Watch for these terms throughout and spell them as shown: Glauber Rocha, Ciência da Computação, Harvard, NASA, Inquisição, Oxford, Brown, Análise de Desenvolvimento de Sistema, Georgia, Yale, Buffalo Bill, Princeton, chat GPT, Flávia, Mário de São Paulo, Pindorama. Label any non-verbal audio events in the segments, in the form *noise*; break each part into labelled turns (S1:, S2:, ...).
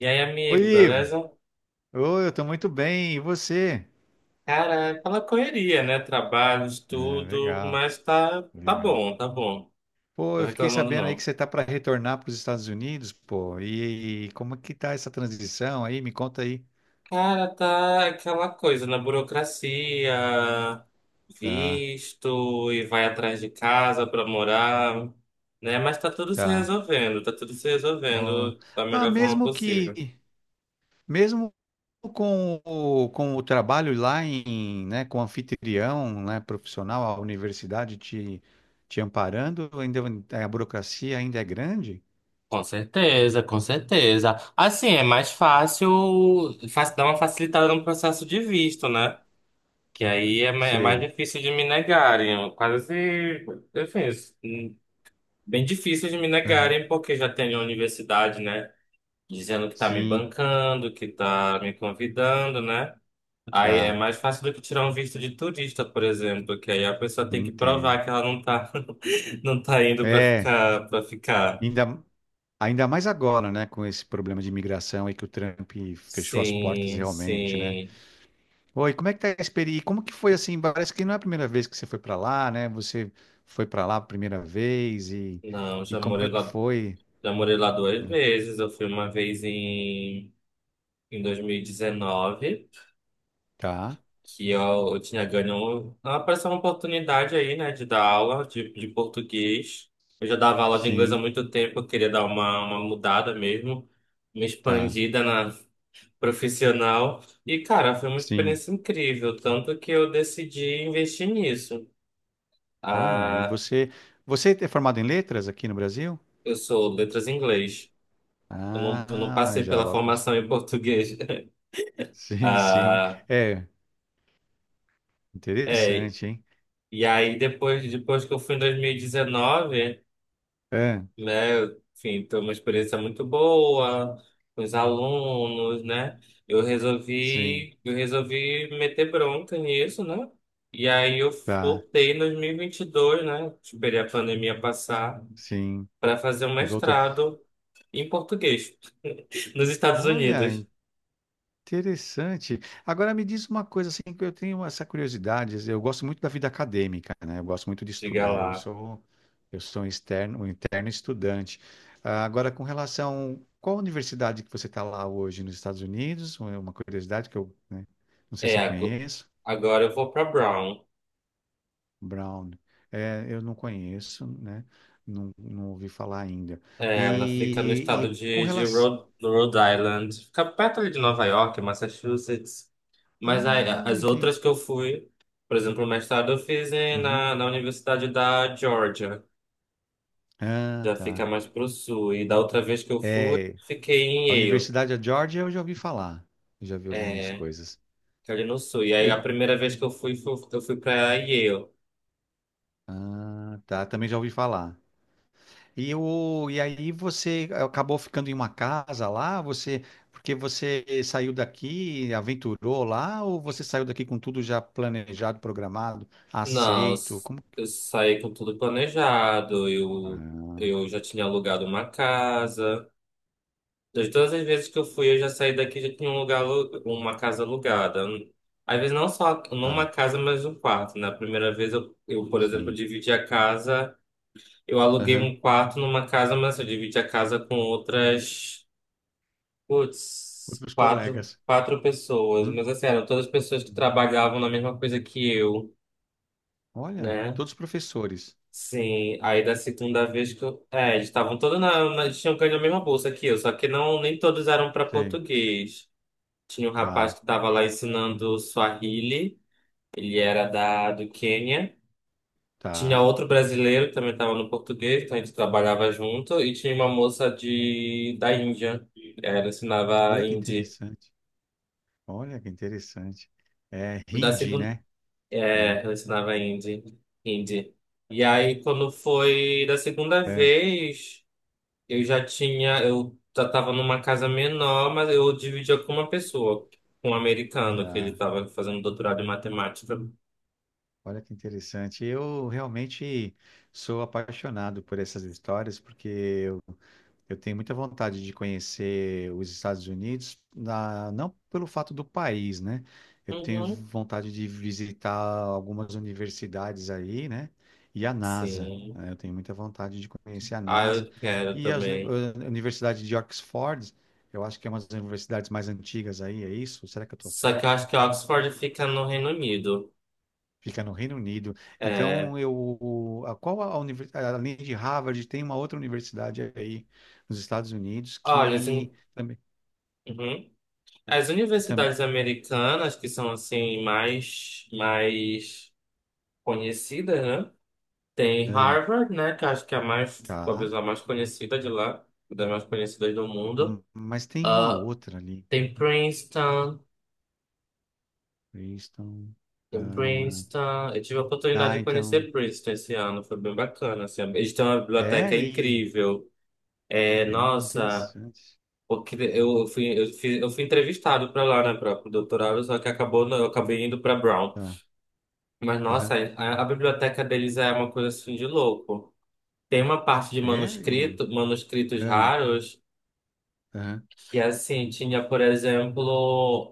S1: E aí,
S2: Oi,
S1: amigo,
S2: Ivo.
S1: beleza?
S2: Oi, eu tô muito bem. E você?
S1: Cara, é aquela correria, né? Trabalho,
S2: Ah,
S1: estudo,
S2: legal,
S1: mas tá, tá
S2: legal.
S1: bom, tá bom.
S2: Pô,
S1: Tô
S2: eu fiquei
S1: reclamando
S2: sabendo aí que
S1: não.
S2: você tá para retornar para os Estados Unidos, pô. E como é que tá essa transição aí? Me conta aí.
S1: Cara, tá aquela coisa na burocracia,
S2: Tá,
S1: visto e vai atrás de casa pra morar, né? Mas tá tudo se
S2: tá.
S1: resolvendo, tá tudo se
S2: Ó,
S1: resolvendo da
S2: Ah,
S1: melhor forma
S2: mesmo
S1: possível.
S2: que, mesmo com o trabalho lá em, né, com o anfitrião, né, profissional, a universidade te, te amparando, ainda a burocracia ainda é grande?
S1: Com certeza. Assim, é mais fácil dar uma facilitada no processo de visto, né? Que aí é mais
S2: Sei.
S1: difícil de me negarem, quase, enfim, bem difícil de me
S2: Aham.
S1: negarem, porque já tem a universidade, né? Dizendo que tá me
S2: Sim,
S1: bancando, que tá me convidando, né? Aí é
S2: tá.
S1: mais fácil do que tirar um visto de turista, por exemplo, que aí a pessoa tem que
S2: Entendo.
S1: provar que ela não tá, *laughs* não tá
S2: É,
S1: para ficar.
S2: ainda, ainda mais agora, né, com esse problema de imigração aí que o Trump fechou as portas
S1: Sim,
S2: realmente, né?
S1: sim.
S2: Oi, como é que tá a experiência? Como que foi assim? Parece que não é a primeira vez que você foi para lá, né? Você foi para lá a primeira vez
S1: Não,
S2: e como é que foi?
S1: já morei lá duas vezes. Eu fui uma vez em 2019,
S2: Tá,
S1: que eu tinha ganho. Apareceu uma oportunidade aí, né, de dar aula de português. Eu já dava aula de inglês há
S2: sim,
S1: muito tempo, eu queria dar uma mudada mesmo, uma
S2: tá,
S1: expandida na profissional. E, cara, foi uma
S2: sim.
S1: experiência incrível, tanto que eu decidi investir nisso.
S2: Olha, e
S1: Ah,
S2: você, você é formado em letras aqui no Brasil?
S1: eu sou letras em inglês. Eu não
S2: Ah,
S1: passei
S2: já
S1: pela
S2: logo. *laughs*
S1: formação em português. *laughs*
S2: Sim, sim.
S1: Ah,
S2: É,
S1: é.
S2: interessante, hein?
S1: E aí, depois que eu fui em 2019,
S2: É,
S1: né? Enfim, foi uma experiência muito boa com os alunos, né?
S2: sim,
S1: Eu resolvi meter bronca nisso, né? E aí eu
S2: tá,
S1: voltei em 2022, né? Esperei a pandemia passar
S2: sim.
S1: para fazer um
S2: E voltou.
S1: mestrado em português nos Estados
S2: Olha,
S1: Unidos,
S2: interessante. Agora me diz uma coisa assim que eu tenho essa curiosidade. Assim, eu gosto muito da vida acadêmica, né? Eu gosto muito de
S1: diga
S2: estudar. Eu
S1: lá.
S2: sou eu sou um externo, um interno estudante. Ah, agora com relação qual universidade que você está lá hoje nos Estados Unidos? É uma curiosidade que eu, né, não sei
S1: É,
S2: se eu
S1: ago-
S2: conheço.
S1: agora eu vou para Brown.
S2: Brown. É, eu não conheço, né? Não, não ouvi falar ainda.
S1: É, ela fica no estado
S2: E com
S1: de
S2: relação.
S1: Rhode Island, fica perto ali de Nova York, Massachusetts. Mas
S2: Ah,
S1: as outras
S2: entendi.
S1: que eu fui, por exemplo, o mestrado eu fiz
S2: Uhum.
S1: na Universidade da Georgia,
S2: Ah,
S1: já fica
S2: tá.
S1: mais pro sul. E da outra vez que eu fui,
S2: É,
S1: fiquei em
S2: a
S1: Yale,
S2: Universidade da Georgia eu já ouvi falar. Eu já vi algumas
S1: é,
S2: coisas.
S1: que é ali no sul. E aí a
S2: E-
S1: primeira vez que eu fui, eu fui pra Yale.
S2: ah, tá, também já ouvi falar. E, o, e aí você acabou ficando em uma casa lá, você, porque você saiu daqui, aventurou lá, ou você saiu daqui com tudo já planejado, programado,
S1: Não, eu
S2: aceito?
S1: s-
S2: Como?
S1: eu saí com tudo planejado,
S2: Ah,
S1: eu já tinha alugado uma casa. De todas as vezes que eu fui, eu já saí daqui, já tinha um lugar, uma casa alugada. Às vezes não só numa
S2: tá,
S1: casa, mas um quarto. Na primeira vez eu, por exemplo,
S2: sim.
S1: dividi a casa, eu aluguei
S2: Aham.
S1: um quarto numa casa, mas eu dividi a casa com outras, putz,
S2: Outros
S1: quatro,
S2: colegas.
S1: quatro pessoas.
S2: Uhum,
S1: Mas assim, eram todas pessoas que
S2: uhum.
S1: trabalhavam na mesma coisa que eu,
S2: Olha,
S1: né?
S2: todos professores.
S1: Sim, aí da segunda vez que eu. É, eles estavam todos na. Eles tinham ganho a mesma bolsa que eu, só que não, nem todos eram para
S2: Sim,
S1: português. Tinha um
S2: tá,
S1: rapaz que estava lá ensinando Swahili, ele era do Quênia. Tinha
S2: tá.
S1: outro brasileiro que também estava no português, então a gente trabalhava junto. E tinha uma moça da Índia, ela
S2: Olha
S1: ensinava
S2: que
S1: hindi.
S2: interessante. Olha que interessante. É
S1: Da
S2: hindi,
S1: segunda,
S2: né? É,
S1: é, ela ensinava hindi. E aí, quando foi da segunda
S2: é,
S1: vez, eu já tinha, eu já estava numa casa menor, mas eu dividia com uma pessoa, com um americano, que ele
S2: tá.
S1: estava fazendo doutorado em matemática.
S2: Olha que interessante. Eu realmente sou apaixonado por essas histórias, porque eu tenho muita vontade de conhecer os Estados Unidos, na- não pelo fato do país, né? Eu tenho
S1: Uhum.
S2: vontade de visitar algumas universidades aí, né? E a NASA, né?
S1: Sim.
S2: Eu tenho muita vontade de conhecer a
S1: Ah,
S2: NASA.
S1: eu quero
S2: E as, uni-
S1: também.
S2: a Universidade de Oxford, eu acho que é uma das universidades mais antigas aí, é isso? Será que eu estou
S1: Só que eu
S2: certo?
S1: acho que Oxford fica no Reino Unido.
S2: Fica no Reino Unido.
S1: É,
S2: Então, eu, a, qual a universidade, além de Harvard, tem uma outra universidade aí nos Estados Unidos
S1: olha,
S2: que também.
S1: uhum. As
S2: E também,
S1: universidades americanas, que são assim mais conhecidas, né? Tem
S2: ah,
S1: Harvard, né? Que eu acho que é a mais, talvez
S2: tá.
S1: a mais conhecida de lá, uma das mais conhecidas do mundo.
S2: Mas tem uma
S1: Ah,
S2: outra ali.
S1: tem Princeton,
S2: Princeton.
S1: tem
S2: Ah,
S1: Princeton. Eu tive a oportunidade
S2: ah,
S1: de
S2: então.
S1: conhecer Princeton esse ano, foi bem bacana, assim. Eles têm uma
S2: É,
S1: biblioteca
S2: e.
S1: incrível. É, nossa,
S2: Interessante.
S1: eu fui entrevistado para lá, né, para o doutorado, só que acabou, eu acabei indo para Brown.
S2: Tá.
S1: Mas, nossa,
S2: Aham.
S1: a biblioteca deles é uma coisa assim de louco. Tem uma parte de
S2: É, e.
S1: manuscritos
S2: Ah,
S1: raros,
S2: aham.
S1: que assim, tinha, por exemplo,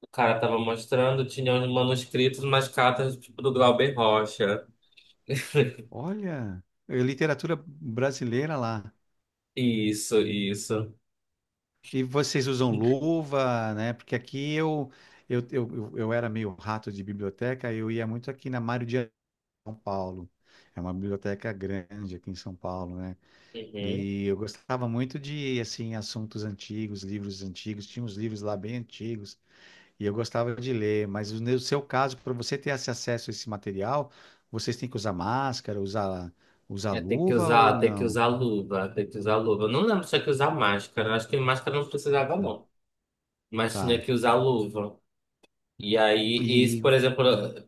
S1: o cara tava mostrando, tinha uns manuscritos, umas cartas tipo do Glauber Rocha. *laughs*
S2: Olha, é literatura brasileira lá.
S1: Isso.
S2: E vocês usam luva, né? Porque aqui eu, eu era meio rato de biblioteca, eu ia muito aqui na Mário de São Paulo. É uma biblioteca grande aqui em São Paulo, né?
S1: Uhum.
S2: E eu gostava muito de, assim, assuntos antigos, livros antigos. Tinha uns livros lá bem antigos e eu gostava de ler. Mas no seu caso, para você ter esse acesso a esse material, vocês têm que usar máscara, usar, usar
S1: É,
S2: luva ou não?
S1: tem que usar luva. Eu não lembro se tinha que usar máscara. Acho que máscara não precisava,
S2: Tá.
S1: não. Mas tinha
S2: Tá.
S1: que usar luva. E aí, isso,
S2: E,
S1: por exemplo,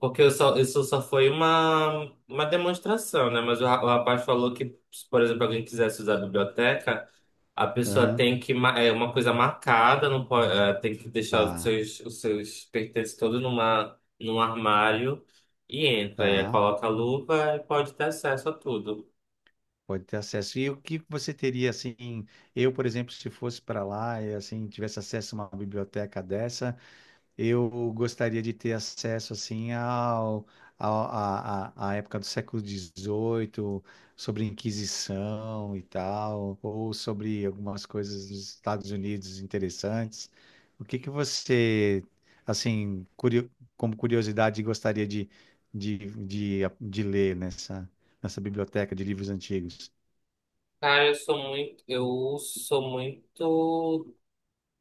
S1: porque eu só, isso só foi uma demonstração, né? Mas o rapaz falou que, se, por exemplo, alguém quisesse usar a biblioteca, a pessoa
S2: aham,
S1: tem que, é uma coisa marcada, não pode, é, tem que deixar
S2: tá,
S1: os seus pertences todos num armário e entra. E aí
S2: tá.
S1: coloca a luva e pode ter acesso a tudo.
S2: Pode ter acesso. E o que você teria, assim, eu, por exemplo, se fosse para lá e, assim, tivesse acesso a uma biblioteca dessa, eu gostaria de ter acesso assim ao, ao- à, à- à época do século XVIII, sobre a Inquisição e tal, ou sobre algumas coisas dos Estados Unidos interessantes. O que que você, assim, curio- como curiosidade, gostaria de, de ler nessa, nessa biblioteca de livros antigos?
S1: Cara,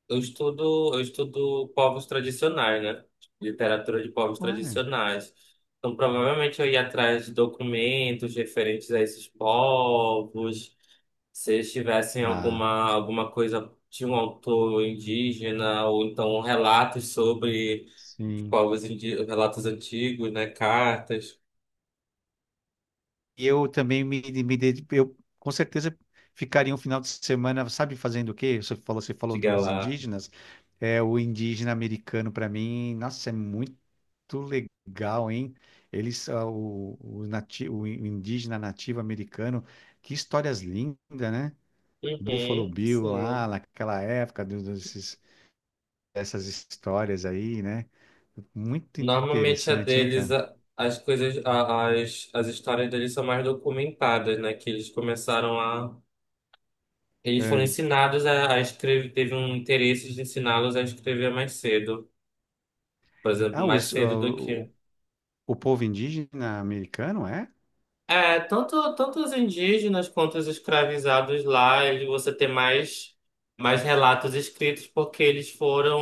S1: eu estudo povos tradicionais, né? Literatura de povos
S2: Olha,
S1: tradicionais. Então, provavelmente eu ia atrás de documentos referentes a esses povos, se eles tivessem
S2: tá,
S1: alguma coisa de um autor indígena ou então relatos sobre os
S2: sim.
S1: povos relatos antigos, né? Cartas,
S2: E eu também me ded- eu com certeza ficaria um final de semana, sabe, fazendo o quê? Você falou
S1: diga
S2: dos
S1: lá.
S2: indígenas, é o indígena americano para mim, nossa, é muito legal, hein? Eles, ah, o, nati, o indígena nativo americano, que histórias lindas, né? Buffalo
S1: Uhum,
S2: Bill lá,
S1: sim.
S2: naquela época, do- desses, dessas histórias aí, né? Muito
S1: Normalmente a
S2: interessante, hein,
S1: deles,
S2: cara?
S1: as coisas, as histórias deles são mais documentadas, né? Que eles começaram a. Eles foram
S2: É.
S1: ensinados a escrever, teve um interesse de ensiná-los a escrever mais cedo. Por exemplo,
S2: Ah,
S1: mais
S2: os, ah,
S1: cedo do que.
S2: o povo indígena americano é?
S1: É, tanto, tanto os indígenas quanto os escravizados lá, ele, você tem mais, mais relatos escritos porque eles foram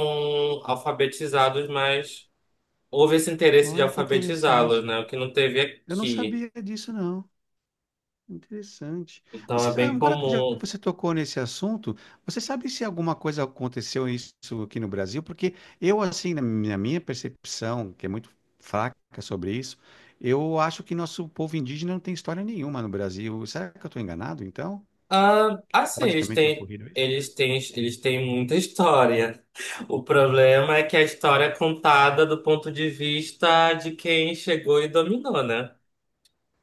S1: alfabetizados, mas houve esse interesse de
S2: Olha que
S1: alfabetizá-los,
S2: interessante.
S1: né? O que não teve
S2: Eu não
S1: aqui.
S2: sabia disso, não. Interessante.
S1: Então é
S2: Você, ah,
S1: bem
S2: agora que já
S1: comum.
S2: você tocou nesse assunto, você sabe se alguma coisa aconteceu isso aqui no Brasil? Porque eu, assim, na minha percepção, que é muito fraca sobre isso, eu acho que nosso povo indígena não tem história nenhuma no Brasil. Será que eu estou enganado, então?
S1: Ah, assim,
S2: Pode também ter ocorrido isso?
S1: eles têm muita história. O problema é que a história é contada do ponto de vista de quem chegou e dominou, né?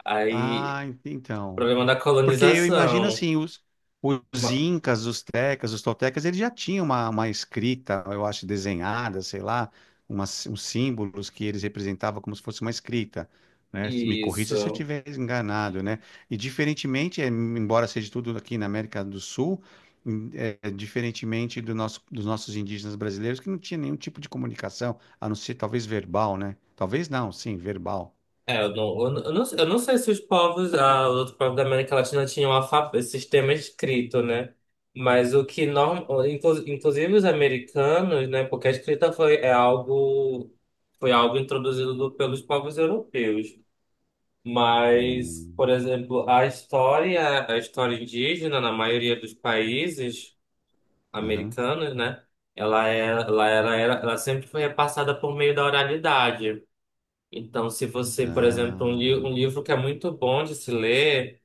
S1: Aí,
S2: Ah, ent- então.
S1: problema da
S2: Porque eu imagino
S1: colonização.
S2: assim, os
S1: Ma-
S2: incas, os tecas, os toltecas, eles já tinham uma escrita, eu acho, desenhada, sei lá, umas, uns símbolos que eles representavam como se fosse uma escrita, né? Me corrija se eu
S1: Isso.
S2: estiver enganado, né? E diferentemente, eh, embora seja tudo aqui na América do Sul, em- eh, diferentemente do nosso, dos nossos indígenas brasileiros, que não tinha nenhum tipo de comunicação, a não ser talvez verbal, né? Talvez não, sim, verbal.
S1: É, eu não sei se os povos, ah, os outros povos da América Latina tinham alfabeto, sistema escrito, né? Mas o que, norm, inclusive os americanos, né? Porque a escrita foi, é algo, foi algo introduzido pelos povos europeus. Mas,
S2: Hum,
S1: por exemplo, a história indígena, na maioria dos países
S2: aham.
S1: americanos, né? Ela, é, ela, era, era- ela sempre foi repassada por meio da oralidade. Então, se você, por exemplo, um,
S2: Ah,
S1: li um livro que é muito bom de se ler,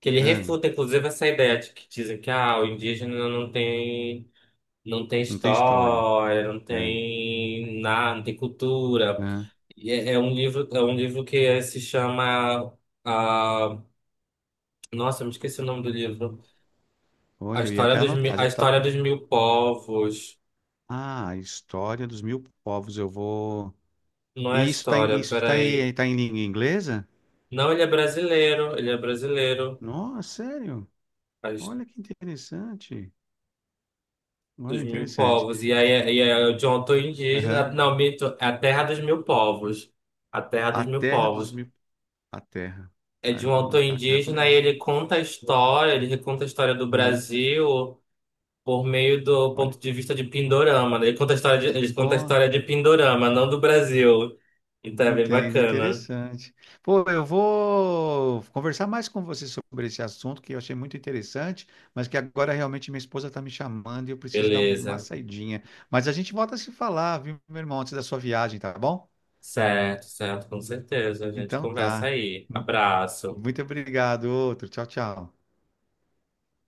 S1: que ele
S2: ahn.
S1: refuta, inclusive, essa ideia de que dizem que ah, o indígena não tem, não tem
S2: Não tem história.
S1: história, não
S2: É.
S1: tem nada, não tem cultura.
S2: É.
S1: É, é um livro que se chama ah, nossa, eu me esqueci o nome do livro. A
S2: Olha, eu ia
S1: história
S2: até
S1: dos,
S2: anotar, já
S1: a
S2: tava.
S1: história
S2: Com-
S1: dos mil povos.
S2: Ah, a história dos mil povos, eu vou.
S1: Não é a
S2: E isso tá, em-
S1: história,
S2: isso tá,
S1: peraí.
S2: aí, tá em língua inglesa?
S1: Não, ele é brasileiro, ele é brasileiro.
S2: Nossa, sério? Olha que interessante.
S1: Dos
S2: Olha,
S1: mil
S2: interessante.
S1: povos. E aí o John Tô indígena.
S2: Aham.
S1: Não, mito, é a terra dos mil povos. A terra dos
S2: A
S1: mil
S2: terra dos
S1: povos.
S2: mil. A terra.
S1: É
S2: Ah,
S1: de um
S2: eu vou
S1: autor
S2: anotar aqui, já tomei
S1: indígena e
S2: nota.
S1: ele conta a história, ele reconta a história do
S2: Aham.
S1: Brasil por meio do
S2: Olha.
S1: ponto de vista de Pindorama, né? Ele conta a história de, ele conta a
S2: Pô,
S1: história de Pindorama, não do Brasil. Então é bem
S2: entendo,
S1: bacana.
S2: interessante. Pô, eu vou conversar mais com você sobre esse assunto que eu achei muito interessante, mas que agora realmente minha esposa está me chamando e eu preciso dar uma
S1: Beleza.
S2: saidinha. Mas a gente volta a se falar, viu, meu irmão, antes da sua viagem, tá bom?
S1: Certo, certo, com certeza. A gente
S2: Então
S1: conversa
S2: tá.
S1: aí. Abraço.
S2: Muito obrigado, outro. Tchau, tchau.